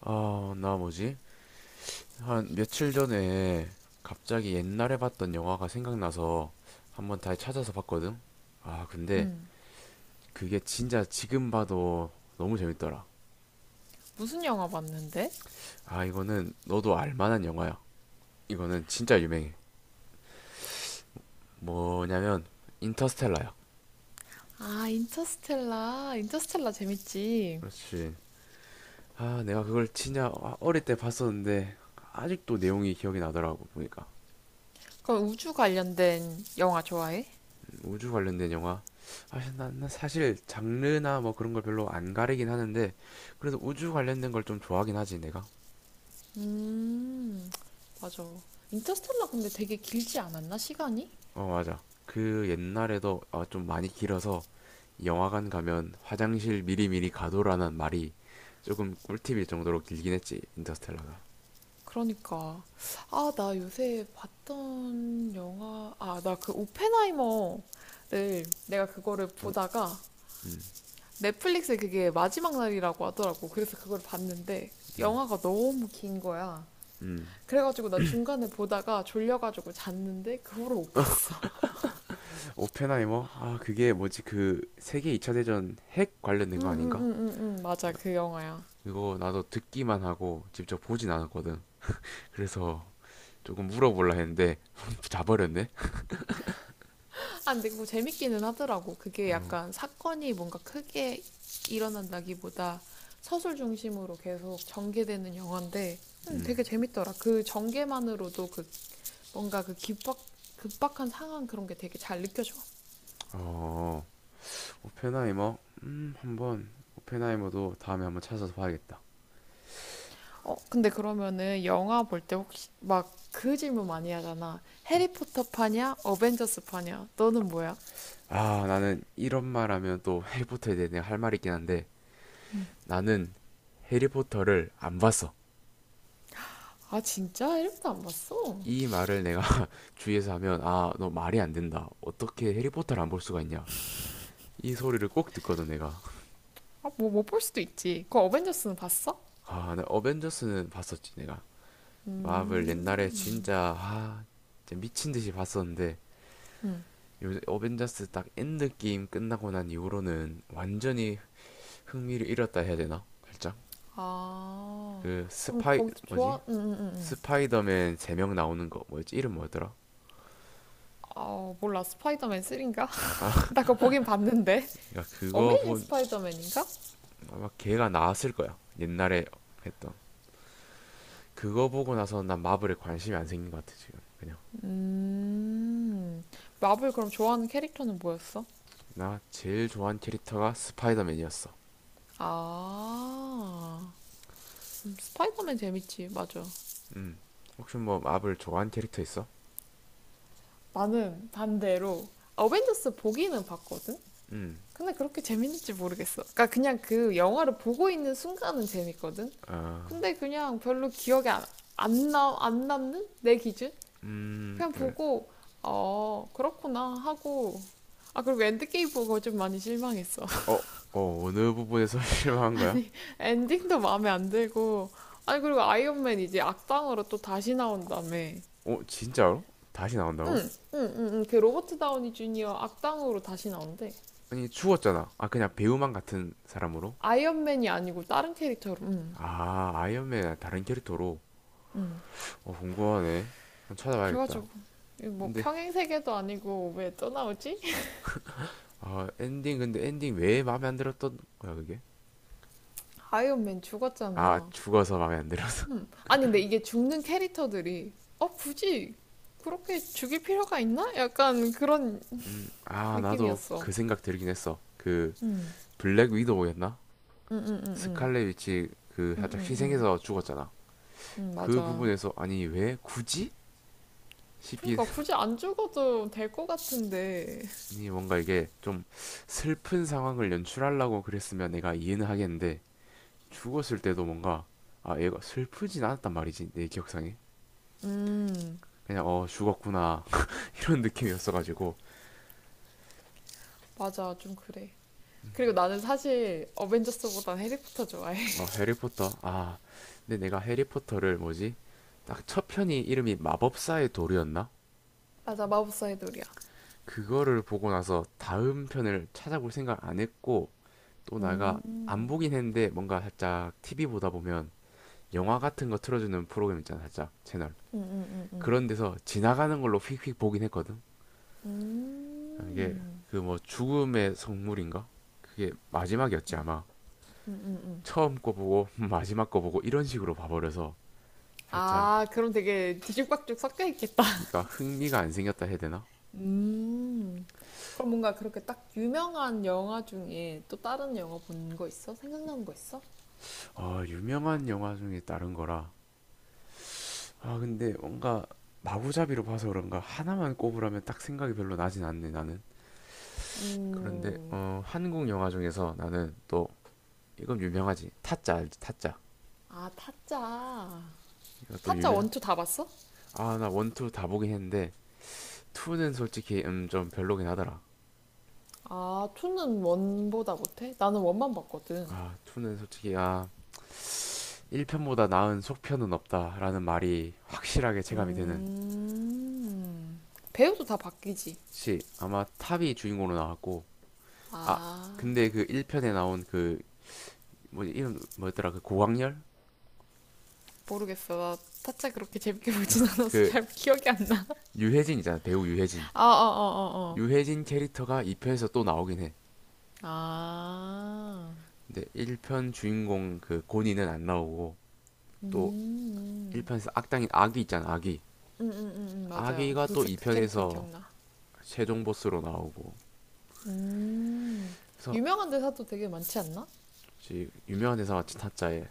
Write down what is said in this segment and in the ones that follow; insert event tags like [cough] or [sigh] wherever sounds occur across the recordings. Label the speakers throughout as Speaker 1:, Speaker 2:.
Speaker 1: 아, 나 뭐지? 한 며칠 전에 갑자기 옛날에 봤던 영화가 생각나서 한번 다시 찾아서 봤거든? 아, 근데
Speaker 2: 응.
Speaker 1: 그게 진짜 지금 봐도 너무 재밌더라.
Speaker 2: 무슨 영화 봤는데?
Speaker 1: 아, 이거는 너도 알 만한 영화야. 이거는 진짜 유명해. 뭐냐면, 인터스텔라야.
Speaker 2: 아, 인터스텔라. 인터스텔라 재밌지.
Speaker 1: 그렇지. 아, 내가 그걸 진짜 어릴 때 봤었는데, 아직도 내용이 기억이 나더라고, 보니까.
Speaker 2: 그럼 우주 관련된 영화 좋아해?
Speaker 1: 우주 관련된 영화. 아, 난 사실 장르나 뭐 그런 걸 별로 안 가리긴 하는데, 그래도 우주 관련된 걸 좀 좋아하긴 하지, 내가.
Speaker 2: 음, 맞아. 인터스텔라 근데 되게 길지 않았나, 시간이?
Speaker 1: 어, 맞아. 그 옛날에도 좀 많이 길어서 영화관 가면 화장실 미리미리 가도라는 말이 조금 꿀팁일 정도로 길긴 했지, 인터스텔라가.
Speaker 2: 그러니까. 아, 나 요새 봤던 영화, 아, 나 그 오펜하이머를 내가 그거를 보다가 넷플릭스에 그게 마지막 날이라고 하더라고. 그래서 그걸 봤는데 영화가 너무 긴 거야. 그래가지고 나 중간에 보다가 졸려가지고 잤는데 그 후로 못 봤어.
Speaker 1: 오펜하이머? 아, 그게 뭐지, 그 세계 2차 대전 핵 관련된 거 아닌가?
Speaker 2: 응응응응응 [laughs] 맞아, 그 영화야.
Speaker 1: 그거 나도 듣기만 하고 직접 보진 않았거든. 그래서 조금 물어보려 했는데, [laughs] 자버렸네?
Speaker 2: 아, 근데 그거 재밌기는 하더라고. 그게
Speaker 1: 어,
Speaker 2: 약간 사건이 뭔가 크게 일어난다기보다 서술 중심으로 계속 전개되는 영화인데
Speaker 1: 음,
Speaker 2: 되게 재밌더라. 그 전개만으로도 그 뭔가 그 급박한 상황 그런 게 되게 잘 느껴져.
Speaker 1: 어, 오펜하이머? 음, 한번, 오펜하이머도 다음에 한번 찾아서 봐야겠다.
Speaker 2: 어, 근데 그러면은 영화 볼 때 혹시 막 그 질문 많이 하잖아. 해리포터 파냐, 어벤져스 파냐, 너는 뭐야?
Speaker 1: 아, 나는 이런 말 하면 또 해리포터에 대해 내가 할 말이 있긴 한데, 나는 해리포터를 안 봤어.
Speaker 2: 아, 진짜? 1부도 안 봤어?
Speaker 1: 이 말을 내가 [laughs] 주위에서 하면, 아, 너 말이 안 된다. 어떻게 해리포터를 안 볼 수가 있냐. 이 소리를 꼭 듣거든, 내가.
Speaker 2: 아, 뭐 못 볼 수도 있지. 그 어벤져스는 봤어?
Speaker 1: 아, 나 어벤져스는 봤었지, 내가.
Speaker 2: 음.
Speaker 1: 마블 옛날에 진짜, 진짜 미친 듯이 봤었는데,
Speaker 2: 음.
Speaker 1: 요새 어벤져스 딱 엔드 게임 끝나고 난 이후로는 완전히 흥미를 잃었다 해야 되나? 살짝
Speaker 2: 아.
Speaker 1: 그
Speaker 2: 그럼
Speaker 1: 스파이
Speaker 2: 거기서 좋아?
Speaker 1: 뭐지?
Speaker 2: 음.
Speaker 1: 스파이더맨 3명 나오는 거 뭐였지? 이름 뭐였더라?
Speaker 2: 아, 몰라. 스파이더맨 3인가?
Speaker 1: 아
Speaker 2: [laughs] 나 그거 보긴 봤는데.
Speaker 1: 그러니까
Speaker 2: [laughs]
Speaker 1: 그거
Speaker 2: 어메이징
Speaker 1: 본
Speaker 2: 스파이더맨인가?
Speaker 1: 아마 걔가 나왔을 거야, 옛날에 했던. 그거 보고 나서 난 마블에 관심이 안 생긴 것 같아, 지금 그냥.
Speaker 2: 음. 마블 그럼 좋아하는 캐릭터는 뭐였어?
Speaker 1: 나 제일 좋아하는 캐릭터가 스파이더맨이었어.
Speaker 2: 아. 스파이더맨 재밌지. 맞아.
Speaker 1: 음 혹시 뭐 마블 좋아하는 캐릭터 있어?
Speaker 2: 나는 반대로 어벤져스 보기는 봤거든?
Speaker 1: 음
Speaker 2: 근데 그렇게 재밌는지 모르겠어. 그러니까 그냥 그 영화를 보고 있는 순간은 재밌거든.
Speaker 1: 아음
Speaker 2: 근데 그냥 별로 기억에 안 남는 내 기준? 그냥 보고 어 그렇구나 하고, 아, 그리고 엔드게임 보고 좀 많이 실망했어.
Speaker 1: 어, 어 어느 부분에서 [laughs]
Speaker 2: [laughs]
Speaker 1: 실망한 거야?
Speaker 2: 아니, 엔딩도 마음에 안 들고, 아니, 그리고 아이언맨 이제 악당으로 또 다시 나온다며.
Speaker 1: 어 진짜로? 다시
Speaker 2: 응,
Speaker 1: 나온다고?
Speaker 2: 응, 응, 응. 그 로버트 다우니 주니어 악당으로 다시 나온대.
Speaker 1: 아니 죽었잖아. 아 그냥 배우만 같은 사람으로?
Speaker 2: 아이언맨이 아니고 다른 캐릭터로. 응,
Speaker 1: 아 아이언맨 다른 캐릭터로.
Speaker 2: 응.
Speaker 1: 어 궁금하네. 한번 찾아봐야겠다.
Speaker 2: 그래가지고 이뭐
Speaker 1: 근데
Speaker 2: 평행 세계도 아니고 왜 또 나오지?
Speaker 1: 근데 엔딩 왜 마음에 안 들었던 거야 그게?
Speaker 2: [laughs] 아이언맨
Speaker 1: 아
Speaker 2: 죽었잖아.
Speaker 1: 죽어서 마음에 안 들어서.
Speaker 2: 음. 아니, 근데 이게 죽는 캐릭터들이 굳이 그렇게 죽일 필요가 있나? 약간 그런
Speaker 1: [laughs] 나도
Speaker 2: 느낌이었어.
Speaker 1: 그 생각 들긴 했어. 그
Speaker 2: 음.
Speaker 1: 블랙 위도우였나?
Speaker 2: 응응응응.
Speaker 1: 스칼렛 위치 그 살짝
Speaker 2: 응응응.
Speaker 1: 희생해서 죽었잖아.
Speaker 2: 응,
Speaker 1: 그
Speaker 2: 맞아.
Speaker 1: 부분에서, 아니 왜 굳이 싶긴.
Speaker 2: 그러니까 굳이 안 죽어도 될 것 같은데.
Speaker 1: 아니 뭔가 이게 좀 슬픈 상황을 연출하려고 그랬으면 내가 이해는 하겠는데, 죽었을 때도 뭔가 아 얘가 슬프진 않았단 말이지, 내 기억상에.
Speaker 2: 음.
Speaker 1: 그냥 어 죽었구나 [laughs] 이런 느낌이었어가지고.
Speaker 2: 맞아, 좀 그래. 그리고 나는 사실 어벤져스보단 해리포터 좋아해.
Speaker 1: 어
Speaker 2: [laughs]
Speaker 1: 해리포터. 아 근데 내가 해리포터를, 뭐지, 딱 첫 편이 이름이 마법사의 돌이었나.
Speaker 2: 맞아, 마법사의 돌이야.
Speaker 1: 그거를 보고 나서 다음 편을 찾아볼 생각 안 했고, 또 내가 안
Speaker 2: 음.
Speaker 1: 보긴 했는데 뭔가 살짝 TV 보다 보면 영화 같은 거 틀어주는 프로그램 있잖아, 살짝 채널,
Speaker 2: 응응응응.
Speaker 1: 그런 데서 지나가는 걸로 휙휙 보긴 했거든. 이게
Speaker 2: 음.
Speaker 1: 그 뭐 죽음의 성물인가? 그게 마지막이었지 아마.
Speaker 2: 음음음.
Speaker 1: 처음 거 보고 [laughs] 마지막 거 보고 이런 식으로 봐버려서 살짝,
Speaker 2: 아, 그럼 되게 뒤죽박죽 섞여 있겠다.
Speaker 1: 그러니까 흥미가 안 생겼다 해야 되나?
Speaker 2: [laughs] 음. 그럼 뭔가 그렇게 딱 유명한 영화 중에 또 다른 영화 본 거 있어? 생각나는 거 있어?
Speaker 1: 아 유명한 영화 중에 다른 거라. 아 근데 뭔가 마구잡이로 봐서 그런가 하나만 꼽으라면 딱 생각이 별로 나진 않네, 나는. 그런데
Speaker 2: 음.
Speaker 1: 어 한국 영화 중에서 나는 또, 이건 유명하지. 타짜 알지, 타짜.
Speaker 2: 아, 타짜.
Speaker 1: 이것도
Speaker 2: 타짜
Speaker 1: 유명.
Speaker 2: 원투 다 봤어?
Speaker 1: 아 나 원투 다 보긴 했는데 2는 솔직히 좀 별로긴 하더라.
Speaker 2: 아, 투는 원보다 못해? 나는 원만 봤거든.
Speaker 1: 아, 2는 솔직히 1편보다 나은 속편은 없다라는 말이 확실하게 체감이 되는.
Speaker 2: 음. 배우도 다 바뀌지.
Speaker 1: 시 아마 탑이 주인공으로 나왔고. 아,
Speaker 2: 아,
Speaker 1: 근데 그 1편에 나온 그, 뭐지, 이름 뭐였더라? 그 고광렬?
Speaker 2: 모르겠어. 나 타짜 그렇게 재밌게 [laughs] 보진 않아서
Speaker 1: 그
Speaker 2: 잘 기억이 안 나.
Speaker 1: 유해진이잖아. 배우 유해진.
Speaker 2: 어, 어, 어, 어, 어.
Speaker 1: 유해진 캐릭터가 2편에서 또 나오긴 해.
Speaker 2: 아.
Speaker 1: 근데 1편 주인공 그 고니는 안 나오고, 또
Speaker 2: 음.
Speaker 1: 1편에서 악당인 아귀 있잖아. 아귀.
Speaker 2: 맞아요.
Speaker 1: 아귀가
Speaker 2: 그,
Speaker 1: 또
Speaker 2: 그 캐릭터는
Speaker 1: 2편에서
Speaker 2: 기억나.
Speaker 1: 최종 보스로 나오고.
Speaker 2: 음.
Speaker 1: 그래서
Speaker 2: 유명한 대사도 되게 많지 않나?
Speaker 1: 유명한 대사 같이 타짜에,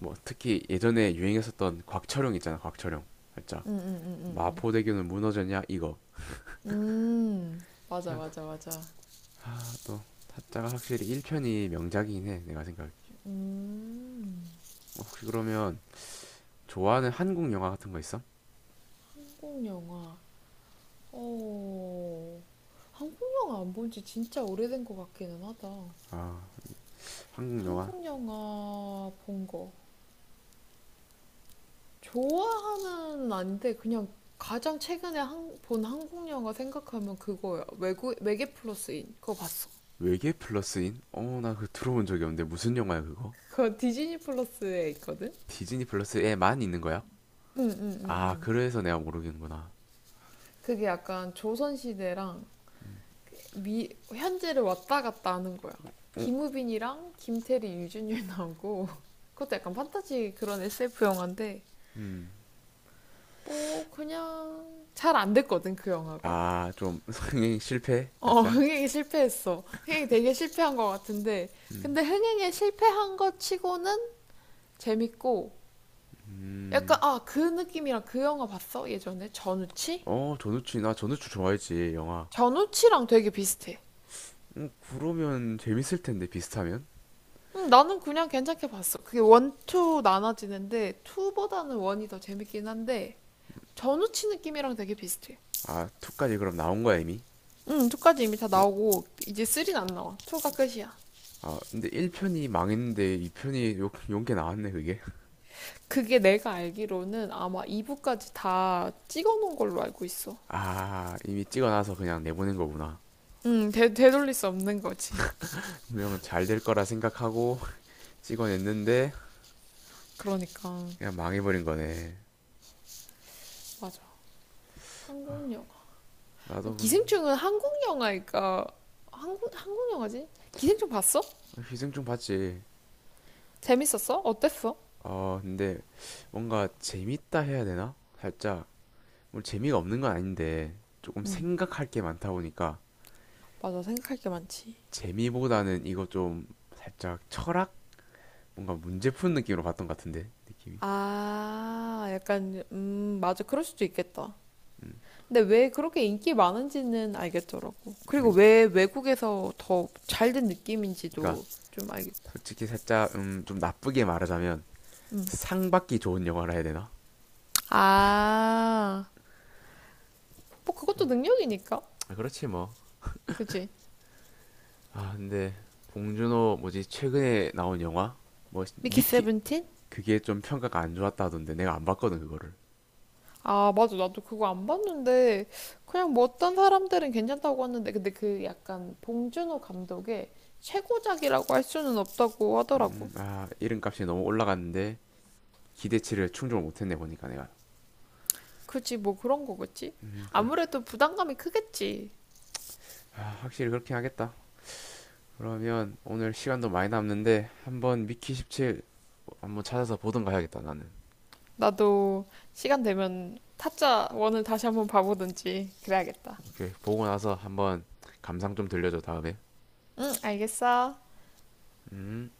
Speaker 1: 뭐 특히 예전에 유행했었던 곽철용 있잖아, 곽철용. 살짝
Speaker 2: 음, 음, 음, 음,
Speaker 1: 마포대교는 무너졌냐, 이거.
Speaker 2: 음. 맞아,
Speaker 1: 그냥
Speaker 2: 맞아, 맞아.
Speaker 1: 아또, 타짜가 확실히 1편이 명작이긴 해, 내가 생각에.
Speaker 2: 음.
Speaker 1: 어, 혹시 그러면 좋아하는 한국 영화 같은 거 있어?
Speaker 2: 한국 영화. 어. 한국 영화 안 본지 진짜 오래된 것 같기는 하다.
Speaker 1: 아 한국 영화.
Speaker 2: 한국 영화 본 거. 좋아하는 아닌데 그냥 가장 최근에 본 한국 영화 생각하면 그거야. 외국 외계 플러스인 그거 봤어?
Speaker 1: 외계 플러스인? 어나 그거 들어본 적이 없는데, 무슨 영화야 그거?
Speaker 2: 그거 디즈니 플러스에 있거든.
Speaker 1: 디즈니 플러스에만 있는 거야? 아
Speaker 2: 응응응응.
Speaker 1: 그래서 내가 모르겠는구나.
Speaker 2: 그게 약간 조선 시대랑 미 현재를 왔다 갔다 하는 거야.
Speaker 1: 어?
Speaker 2: 김우빈이랑 김태리, 유준열 나오고 [laughs] 그것도 약간 판타지 그런 SF 영화인데 뭐 그냥 잘 안 됐거든 그 영화가.
Speaker 1: 음아좀 [laughs] 성행 실패?
Speaker 2: 어, [laughs]
Speaker 1: 살짝?
Speaker 2: 흥행이 실패했어. 흥행이 되게 실패한 것 같은데.
Speaker 1: 음.
Speaker 2: 근데 흥행에 실패한 것 치고는 재밌고, 약간,
Speaker 1: 음.
Speaker 2: 아, 그 느낌이랑 그 영화 봤어? 예전에? 전우치?
Speaker 1: 어, 나 전우추 좋아했지, 영화.
Speaker 2: 전우치랑 되게 비슷해.
Speaker 1: 그러면 재밌을 텐데, 비슷하면?
Speaker 2: 나는 그냥 괜찮게 봤어. 그게 원, 투 나눠지는데, 투보다는 원이 더 재밌긴 한데, 전우치 느낌이랑 되게 비슷해.
Speaker 1: 아, 2까지 그럼 나온 거야, 이미?
Speaker 2: 응, 2까지 이미 다
Speaker 1: 어,
Speaker 2: 나오고, 이제 3는 안 나와. 2가 끝이야.
Speaker 1: 아, 근데 1편이 망했는데 2편이 용게 나왔네, 그게? [laughs]
Speaker 2: 그게 내가 알기로는 아마 2부까지 다 찍어놓은 걸로 알고 있어.
Speaker 1: 아, 이미 찍어놔서 그냥 내보낸 거구나.
Speaker 2: 응, 되돌릴 수 없는 거지.
Speaker 1: 분명 잘 될 거라 생각하고 [laughs] 찍어냈는데,
Speaker 2: 그러니까
Speaker 1: 그냥 망해버린 거네.
Speaker 2: 맞아. 한국 영화.
Speaker 1: 나도
Speaker 2: 기생충은 한국 영화니까 한국 영화지? 기생충 봤어?
Speaker 1: 희생충 봤지.
Speaker 2: 재밌었어? 어땠어?
Speaker 1: 어, 근데 뭔가 재밌다 해야 되나? 살짝, 뭐 재미가 없는 건 아닌데, 조금
Speaker 2: 응,
Speaker 1: 생각할 게 많다 보니까,
Speaker 2: 맞아. 생각할 게 많지.
Speaker 1: 재미보다는 이거 좀 살짝 철학, 뭔가 문제 푸는 느낌으로 봤던 것 같은데, 느낌이.
Speaker 2: 아, 약간 맞아. 그럴 수도 있겠다.
Speaker 1: 음,
Speaker 2: 근데 왜 그렇게 인기 많은지는 알겠더라고. 그리고
Speaker 1: 그러니까,
Speaker 2: 왜 외국에서 더 잘 된
Speaker 1: 그러니까
Speaker 2: 느낌인지도 좀 알겠고.
Speaker 1: 솔직히 살짝, 좀 나쁘게 말하자면, 상 받기 좋은 영화라 해야 되나?
Speaker 2: 아, 뭐 그것도
Speaker 1: 좀,
Speaker 2: 능력이니까.
Speaker 1: 아, 그렇지 뭐.
Speaker 2: 그지?
Speaker 1: 아, 근데, 봉준호, 뭐지, 최근에 나온 영화, 뭐,
Speaker 2: 미키
Speaker 1: 미키,
Speaker 2: 17?
Speaker 1: 그게 좀 평가가 안 좋았다 하던데, 내가 안 봤거든, 그거를.
Speaker 2: 아, 맞아. 나도 그거 안 봤는데, 그냥 뭐 어떤 사람들은 괜찮다고 하는데, 근데 그 약간 봉준호 감독의 최고작이라고 할 수는 없다고 하더라고.
Speaker 1: 아, 이름값이 너무 올라갔는데, 기대치를 충족을 못했네, 보니까 내가.
Speaker 2: 그지, 뭐 그런 거겠지?
Speaker 1: 음, 그,
Speaker 2: 아무래도 부담감이 크겠지.
Speaker 1: 아, 확실히 그렇긴 하겠다. 그러면 오늘 시간도 많이 남는데 한번 미키 17 한번 찾아서 보던가 해야겠다, 나는.
Speaker 2: 나도 시간 되면 타짜 원을 다시 한번 봐보든지 그래야겠다.
Speaker 1: 오케이, 보고 나서 한번 감상 좀 들려줘, 다음에.
Speaker 2: 응, 알겠어.
Speaker 1: 음.